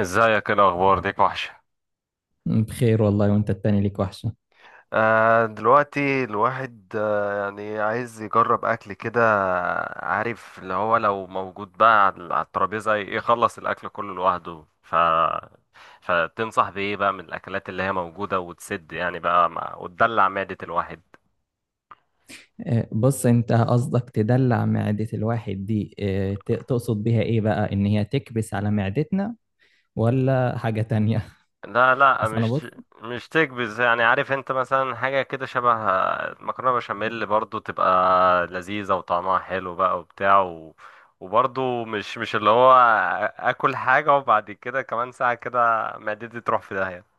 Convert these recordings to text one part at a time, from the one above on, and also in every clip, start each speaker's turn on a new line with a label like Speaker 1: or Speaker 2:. Speaker 1: ازيك؟ ايه الاخبار؟ ديك وحشه.
Speaker 2: بخير والله وانت التاني ليك وحشة.
Speaker 1: دلوقتي الواحد يعني عايز يجرب اكل كده. عارف اللي هو لو موجود بقى على الترابيزه يخلص الاكل كله لوحده. ف فتنصح بايه بقى من الاكلات اللي هي موجوده وتسد يعني بقى وتدلع معده الواحد.
Speaker 2: بص، انت قصدك تدلع معدة الواحد دي، تقصد بيها ايه بقى؟ ان هي تكبس على معدتنا ولا حاجة تانية؟
Speaker 1: لا لا
Speaker 2: اصل انا
Speaker 1: مش
Speaker 2: بص.
Speaker 1: مش تكبس. يعني عارف انت مثلا حاجة كده شبه مكرونة بشاميل، برضو تبقى لذيذة وطعمها حلو بقى وبرضو مش اللي هو اكل حاجة وبعد كده كمان ساعة كده معدتي تروح في داهية.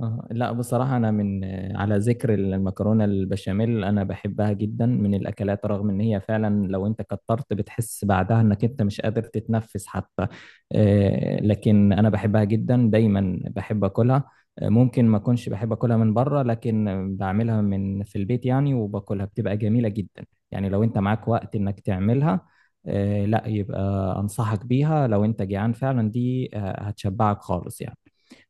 Speaker 2: لا، بصراحة أنا من على ذكر المكرونة البشاميل أنا بحبها جدا من الأكلات، رغم إن هي فعلا لو أنت كترت بتحس بعدها إنك أنت مش قادر تتنفس حتى. لكن أنا بحبها جدا، دايما بحب أكلها. ممكن ما أكونش بحب أكلها من بره، لكن بعملها من في البيت يعني، وباكلها بتبقى جميلة جدا. يعني لو أنت معاك وقت إنك تعملها، لا، يبقى أنصحك بيها. لو أنت جعان فعلا دي، هتشبعك خالص يعني.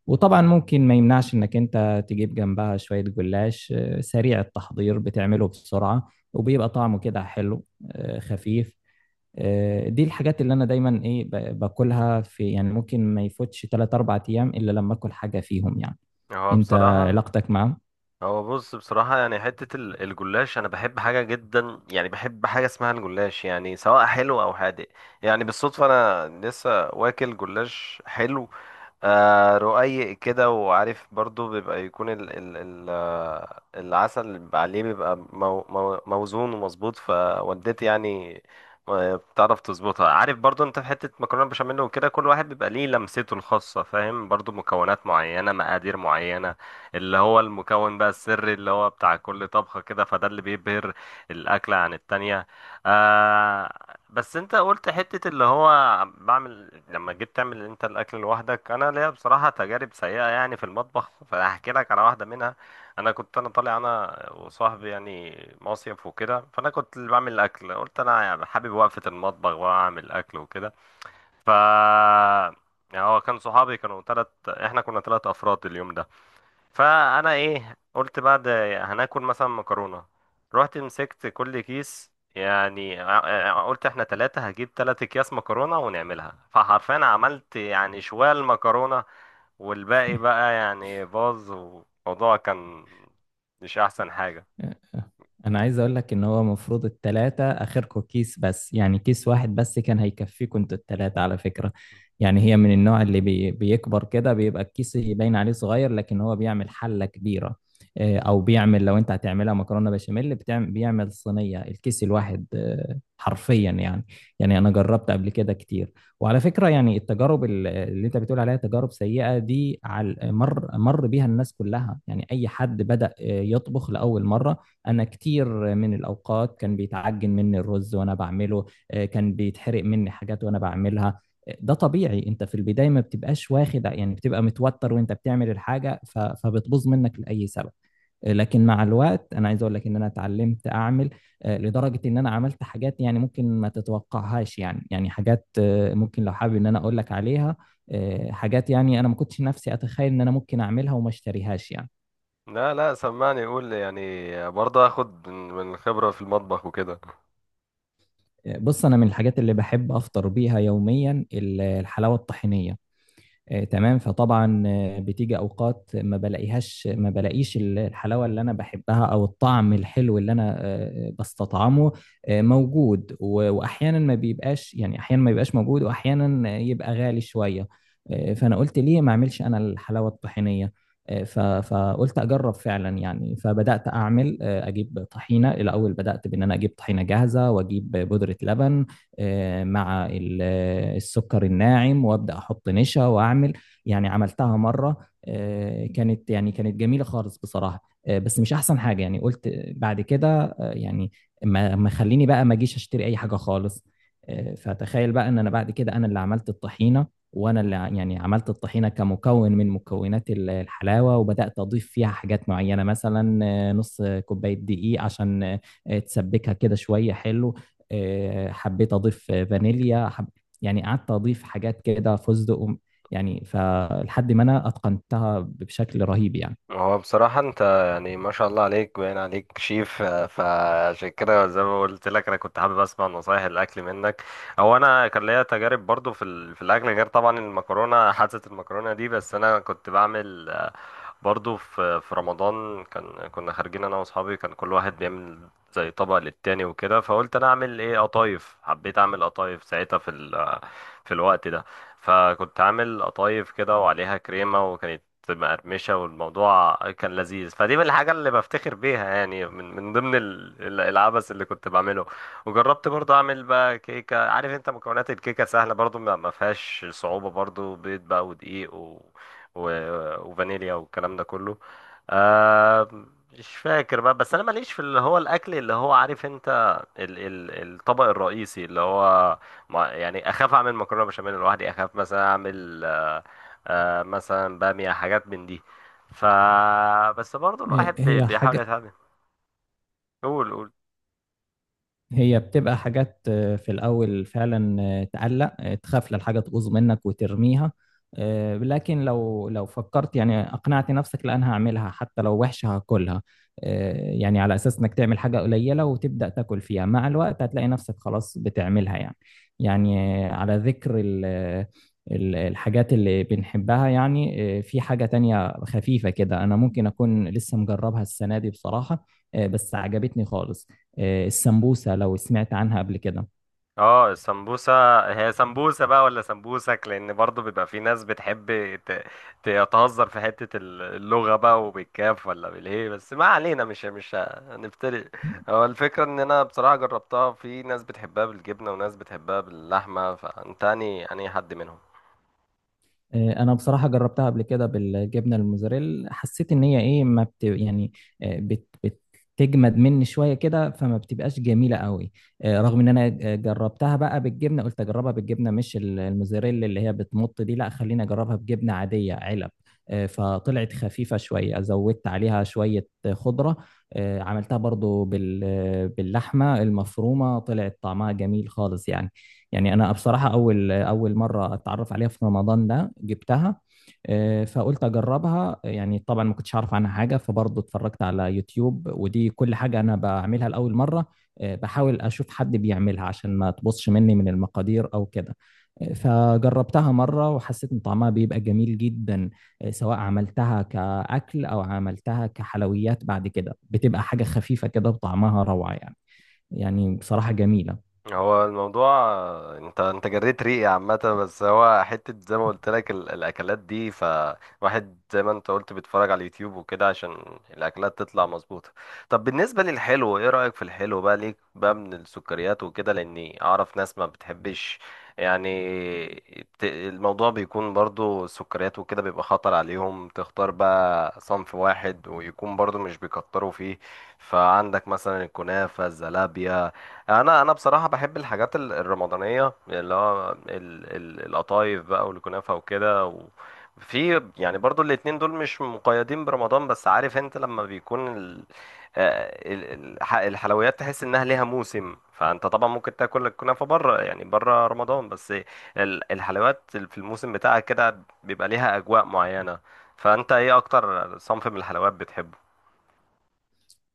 Speaker 2: وطبعا ممكن ما يمنعش انك انت تجيب جنبها شوية جلاش، سريع التحضير، بتعمله بسرعة وبيبقى طعمه كده حلو، خفيف. دي الحاجات اللي انا دايما ايه، باكلها في يعني، ممكن ما يفوتش 3 4 ايام الا لما اكل حاجة فيهم يعني.
Speaker 1: هو
Speaker 2: انت
Speaker 1: بصراحة
Speaker 2: علاقتك معاهم؟
Speaker 1: هو بص بصراحة، يعني حتة الجلاش أنا بحب حاجة جدا، يعني بحب حاجة اسمها الجلاش، يعني سواء حلو أو حادق. يعني بالصدفة أنا لسه واكل جلاش حلو، آه، رقيق كده. وعارف برضو بيبقى يكون ال ال ال آه، العسل اللي بيبقى عليه بيبقى مو مو موزون ومظبوط، فوالدتي يعني آه، بتعرف تظبطها. عارف برضو انت في حتة مكرونة بشاميل وكده، كل واحد بيبقى ليه لمسته الخاصة، فاهم؟ برضو مكونات معينة، مقادير معينة، اللي هو المكون بقى السري اللي هو بتاع كل طبخة كده، فده اللي بيبهر الأكلة عن التانية. آه. بس انت قلت حتة اللي هو بعمل، لما جيت تعمل انت الاكل لوحدك، انا ليا بصراحة تجارب سيئة يعني في المطبخ فهحكي لك على واحدة منها. انا كنت طالع انا وصاحبي يعني مصيف وكده، فانا كنت اللي بعمل الاكل. قلت انا يعني حابب وقفة المطبخ واعمل اكل وكده. ف يعني هو كان صحابي كانوا تلت، احنا كنا تلت افراد اليوم ده. فانا ايه، قلت بعد هناكل مثلا مكرونه. رحت مسكت كل كيس، يعني قلت احنا ثلاثة، هجيب ثلاثة اكياس مكرونة ونعملها. فحرفيا عملت يعني شوال مكرونة، والباقي بقى يعني باظ، والموضوع كان مش احسن حاجة.
Speaker 2: انا عايز اقول لك ان هو المفروض التلاتة اخركم كيس بس، يعني كيس واحد بس كان هيكفيكم انتوا التلاتة على فكرة. يعني هي من النوع اللي بيكبر كده، بيبقى الكيس يبين عليه صغير لكن هو بيعمل حلة كبيرة. او بيعمل، لو انت هتعملها مكرونة بشاميل بيعمل صينية الكيس الواحد، حرفيا يعني. يعني انا جربت قبل كده كتير، وعلى فكرة يعني التجارب اللي انت بتقول عليها تجارب سيئة دي على مر بيها الناس كلها، يعني اي حد بدأ يطبخ لأول مرة. انا كتير من الاوقات كان بيتعجن مني الرز وانا بعمله، كان بيتحرق مني حاجات وانا بعملها. ده طبيعي، انت في البدايه ما بتبقاش واخد يعني، بتبقى متوتر وانت بتعمل الحاجه فبتبوظ منك لاي سبب. لكن مع الوقت، انا عايز اقول لك ان انا اتعلمت اعمل، لدرجه ان انا عملت حاجات يعني ممكن ما تتوقعهاش، يعني يعني حاجات ممكن لو حابب ان انا اقول لك عليها. حاجات يعني انا ما كنتش نفسي اتخيل ان انا ممكن اعملها وما اشتريهاش يعني.
Speaker 1: لا، سمعني، يقول يعني برضه اخد من الخبرة في المطبخ وكده.
Speaker 2: بص، انا من الحاجات اللي بحب افطر بيها يوميا الحلاوه الطحينيه. تمام. فطبعا بتيجي اوقات ما بلاقيهاش، ما بلاقيش الحلاوه اللي انا بحبها او الطعم الحلو اللي انا بستطعمه موجود، واحيانا ما بيبقاش، يعني احيانا ما بيبقاش موجود، واحيانا يبقى غالي شويه. فانا قلت ليه ما اعملش انا الحلاوه الطحينيه؟ فقلت اجرب فعلا يعني، فبدات اعمل، اجيب طحينه الاول، بدات بان انا اجيب طحينه جاهزه واجيب بودره لبن مع السكر الناعم، وابدا احط نشا واعمل. يعني عملتها مره، كانت يعني كانت جميله خالص بصراحه. بس مش احسن حاجه، يعني قلت بعد كده يعني ما خليني بقى ما اجيش اشتري اي حاجه خالص. فتخيل بقى ان انا بعد كده انا اللي عملت الطحينه، وانا اللي يعني عملت الطحينه كمكون من مكونات الحلاوه، وبدات اضيف فيها حاجات معينه مثلا نص كوبايه دقيق عشان تسبكها كده شويه حلو. حبيت اضيف فانيليا يعني قعدت اضيف حاجات كده، فستق يعني فلحد ما انا اتقنتها بشكل رهيب يعني.
Speaker 1: هو بصراحة انت يعني ما شاء الله عليك، باين عليك شيف، آه، فعشان كده زي ما قلت لك انا كنت حابب اسمع نصايح الاكل منك. هو انا كان ليا تجارب برضو في الاكل، غير طبعا المكرونة، حادثة المكرونة دي. بس انا كنت بعمل برضو في رمضان، كان كنا خارجين انا واصحابي، كان كل واحد بيعمل زي طبق للتاني وكده. فقلت انا اعمل ايه؟ قطايف. حبيت اعمل قطايف ساعتها في في الوقت ده. فكنت عامل قطايف كده وعليها كريمة، وكانت مقرمشة، والموضوع كان لذيذ. فدي من الحاجة اللي بفتخر بيها، يعني من من ضمن العبث اللي كنت بعمله. وجربت برضو اعمل بقى كيكة. عارف انت مكونات الكيكة سهلة برضو، ما فيهاش صعوبة، برضو بيض بقى ودقيق وفانيليا والكلام ده كله. آه، مش فاكر بقى. بس انا ماليش في اللي هو الاكل اللي هو، عارف انت، ال ال الطبق الرئيسي اللي هو. يعني اخاف اعمل مكرونه بشاميل لوحدي، اخاف مثلا اعمل آه، آه، مثلا باميه، حاجات من دي. ف بس برضو الواحد
Speaker 2: هي
Speaker 1: بيحاول
Speaker 2: حاجه،
Speaker 1: يتعلم. قول، قول.
Speaker 2: هي بتبقى حاجات في الأول فعلا تقلق، تخاف للحاجة تبوظ منك وترميها. لكن لو فكرت يعني أقنعت نفسك لا أنا هعملها حتى لو وحشة هاكلها، يعني على أساس إنك تعمل حاجة قليلة وتبدأ تاكل فيها، مع الوقت هتلاقي نفسك خلاص بتعملها يعني. يعني على ذكر الحاجات اللي بنحبها يعني، في حاجة تانية خفيفة كده أنا ممكن أكون لسه مجربها السنة دي بصراحة. بس عجبتني خالص. السمبوسة، لو سمعت عنها قبل كده.
Speaker 1: اه، السمبوسة. هي سمبوسة بقى ولا سمبوسك؟ لأن برضو بيبقى في ناس بتحب ت- تتهزر في حتة اللغة بقى، وبالكاف ولا بالهي، بس ما علينا، مش هنفترق. هو الفكرة إن أنا بصراحة جربتها، في ناس بتحبها بالجبنة وناس بتحبها باللحمة، فأنت أنهي حد منهم؟
Speaker 2: انا بصراحة جربتها قبل كده بالجبنة الموزاريلا، حسيت ان هي ايه، ما بت يعني آه، بت بتجمد مني شوية كده فما بتبقاش جميلة قوي. رغم ان انا جربتها بقى بالجبنة، قلت اجربها بالجبنة مش الموزاريلا اللي هي بتمط دي، لا خليني اجربها بجبنة عادية علب. فطلعت خفيفة شوية، زودت عليها شوية خضرة. عملتها برضو باللحمة المفرومة، طلعت طعمها جميل خالص يعني. يعني انا بصراحه اول مره اتعرف عليها في رمضان ده جبتها. فقلت اجربها يعني. طبعا ما كنتش اعرف عنها حاجه، فبرضه اتفرجت على يوتيوب، ودي كل حاجه انا بعملها لاول مره بحاول اشوف حد بيعملها عشان ما تبصش مني من المقادير او كده. فجربتها مره وحسيت ان طعمها بيبقى جميل جدا. سواء عملتها كاكل او عملتها كحلويات بعد كده، بتبقى حاجه خفيفه كده وطعمها روعه يعني، يعني بصراحه جميله.
Speaker 1: هو الموضوع انت جريت ريقي عامة. بس هو حتة زي ما قلت لك الأكلات دي، فواحد زي ما انت قلت بيتفرج على اليوتيوب وكده عشان الأكلات تطلع مظبوطة. طب بالنسبة للحلو، ايه رأيك في الحلو بقى؟ ليك بقى من السكريات وكده؟ لأني أعرف ناس ما بتحبش يعني، الموضوع بيكون برضو السكريات وكده بيبقى خطر عليهم، تختار بقى صنف واحد ويكون برضو مش بيكتروا فيه. فعندك مثلا الكنافة، الزلابية. انا بصراحه بحب الحاجات الرمضانيه، اللي هو القطايف بقى والكنافه وكده في يعني برضو الاتنين دول مش مقيدين برمضان، بس عارف انت لما بيكون الحلويات، تحس انها ليها موسم. فانت طبعا ممكن تاكل الكنافه بره، يعني بره رمضان، بس الحلويات في الموسم بتاعها كده بيبقى ليها اجواء معينه. فانت ايه اكتر صنف من الحلويات بتحبه؟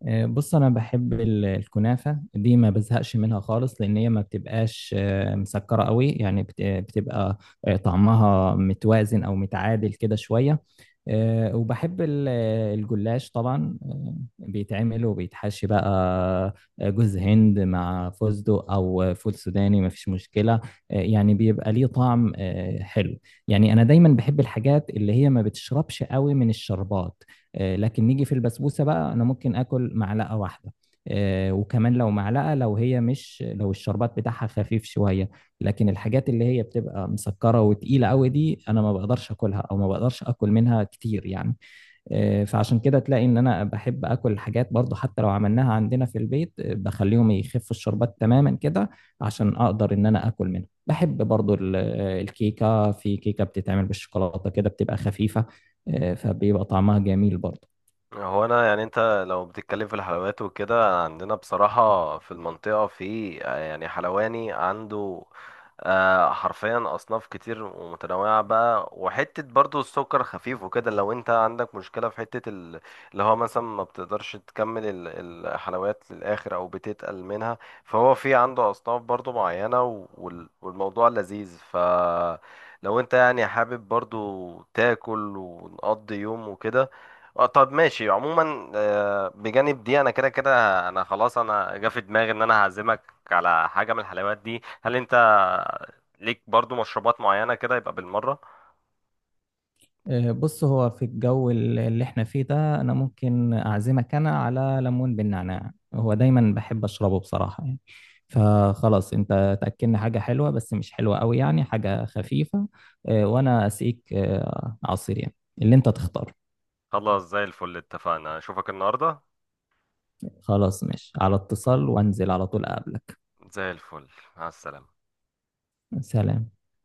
Speaker 2: بص، انا بحب الكنافه دي، ما بزهقش منها خالص، لان هي ما بتبقاش مسكره قوي يعني، بتبقى طعمها متوازن او متعادل كده شويه. وبحب الجلاش طبعا، بيتعمل وبيتحشي بقى جوز هند مع فستق او فول سوداني مفيش مشكله، يعني بيبقى ليه طعم حلو. يعني انا دايما بحب الحاجات اللي هي ما بتشربش قوي من الشربات. لكن نيجي في البسبوسه بقى، انا ممكن اكل معلقه واحده وكمان، لو معلقه لو هي مش، لو الشربات بتاعها خفيف شويه، لكن الحاجات اللي هي بتبقى مسكره وتقيله قوي دي انا ما بقدرش اكلها، او ما بقدرش اكل منها كتير يعني. فعشان كده تلاقي ان انا بحب اكل الحاجات برضو، حتى لو عملناها عندنا في البيت بخليهم يخفوا الشربات تماما كده عشان اقدر ان انا اكل منها. بحب برضو الكيكه، في كيكه بتتعمل بالشوكولاته كده بتبقى خفيفه، فبيبقى طعمها جميل برضو.
Speaker 1: هو انا يعني انت لو بتتكلم في الحلويات وكده، عندنا بصراحة في المنطقة في يعني حلواني عنده آه، حرفيا اصناف كتير ومتنوعة بقى، وحتة برضو السكر خفيف وكده. لو انت عندك مشكلة في حتة اللي هو مثلا ما بتقدرش تكمل الحلويات للاخر او بتتقل منها، فهو في عنده اصناف برضو معينة والموضوع لذيذ. لو انت يعني حابب برضو تاكل ونقضي يوم وكده. آه، طب ماشي. عموما آه، بجانب دي انا كده كده، انا خلاص، انا جا في دماغي ان انا هعزمك على حاجه من الحلويات دي. هل انت ليك برضو مشروبات معينه كده، يبقى بالمره؟
Speaker 2: بص، هو في الجو اللي احنا فيه ده، انا ممكن اعزمك انا على ليمون بالنعناع، هو دايما بحب اشربه بصراحة يعني. فخلاص انت تأكلنا حاجة حلوة بس مش حلوة قوي، يعني حاجة خفيفة، وانا اسقيك عصير يعني اللي انت تختار.
Speaker 1: خلاص، زي الفل، اتفقنا، اشوفك النهارده.
Speaker 2: خلاص، ماشي، على اتصال، وانزل على طول اقابلك.
Speaker 1: زي الفل، مع السلامه.
Speaker 2: سلام.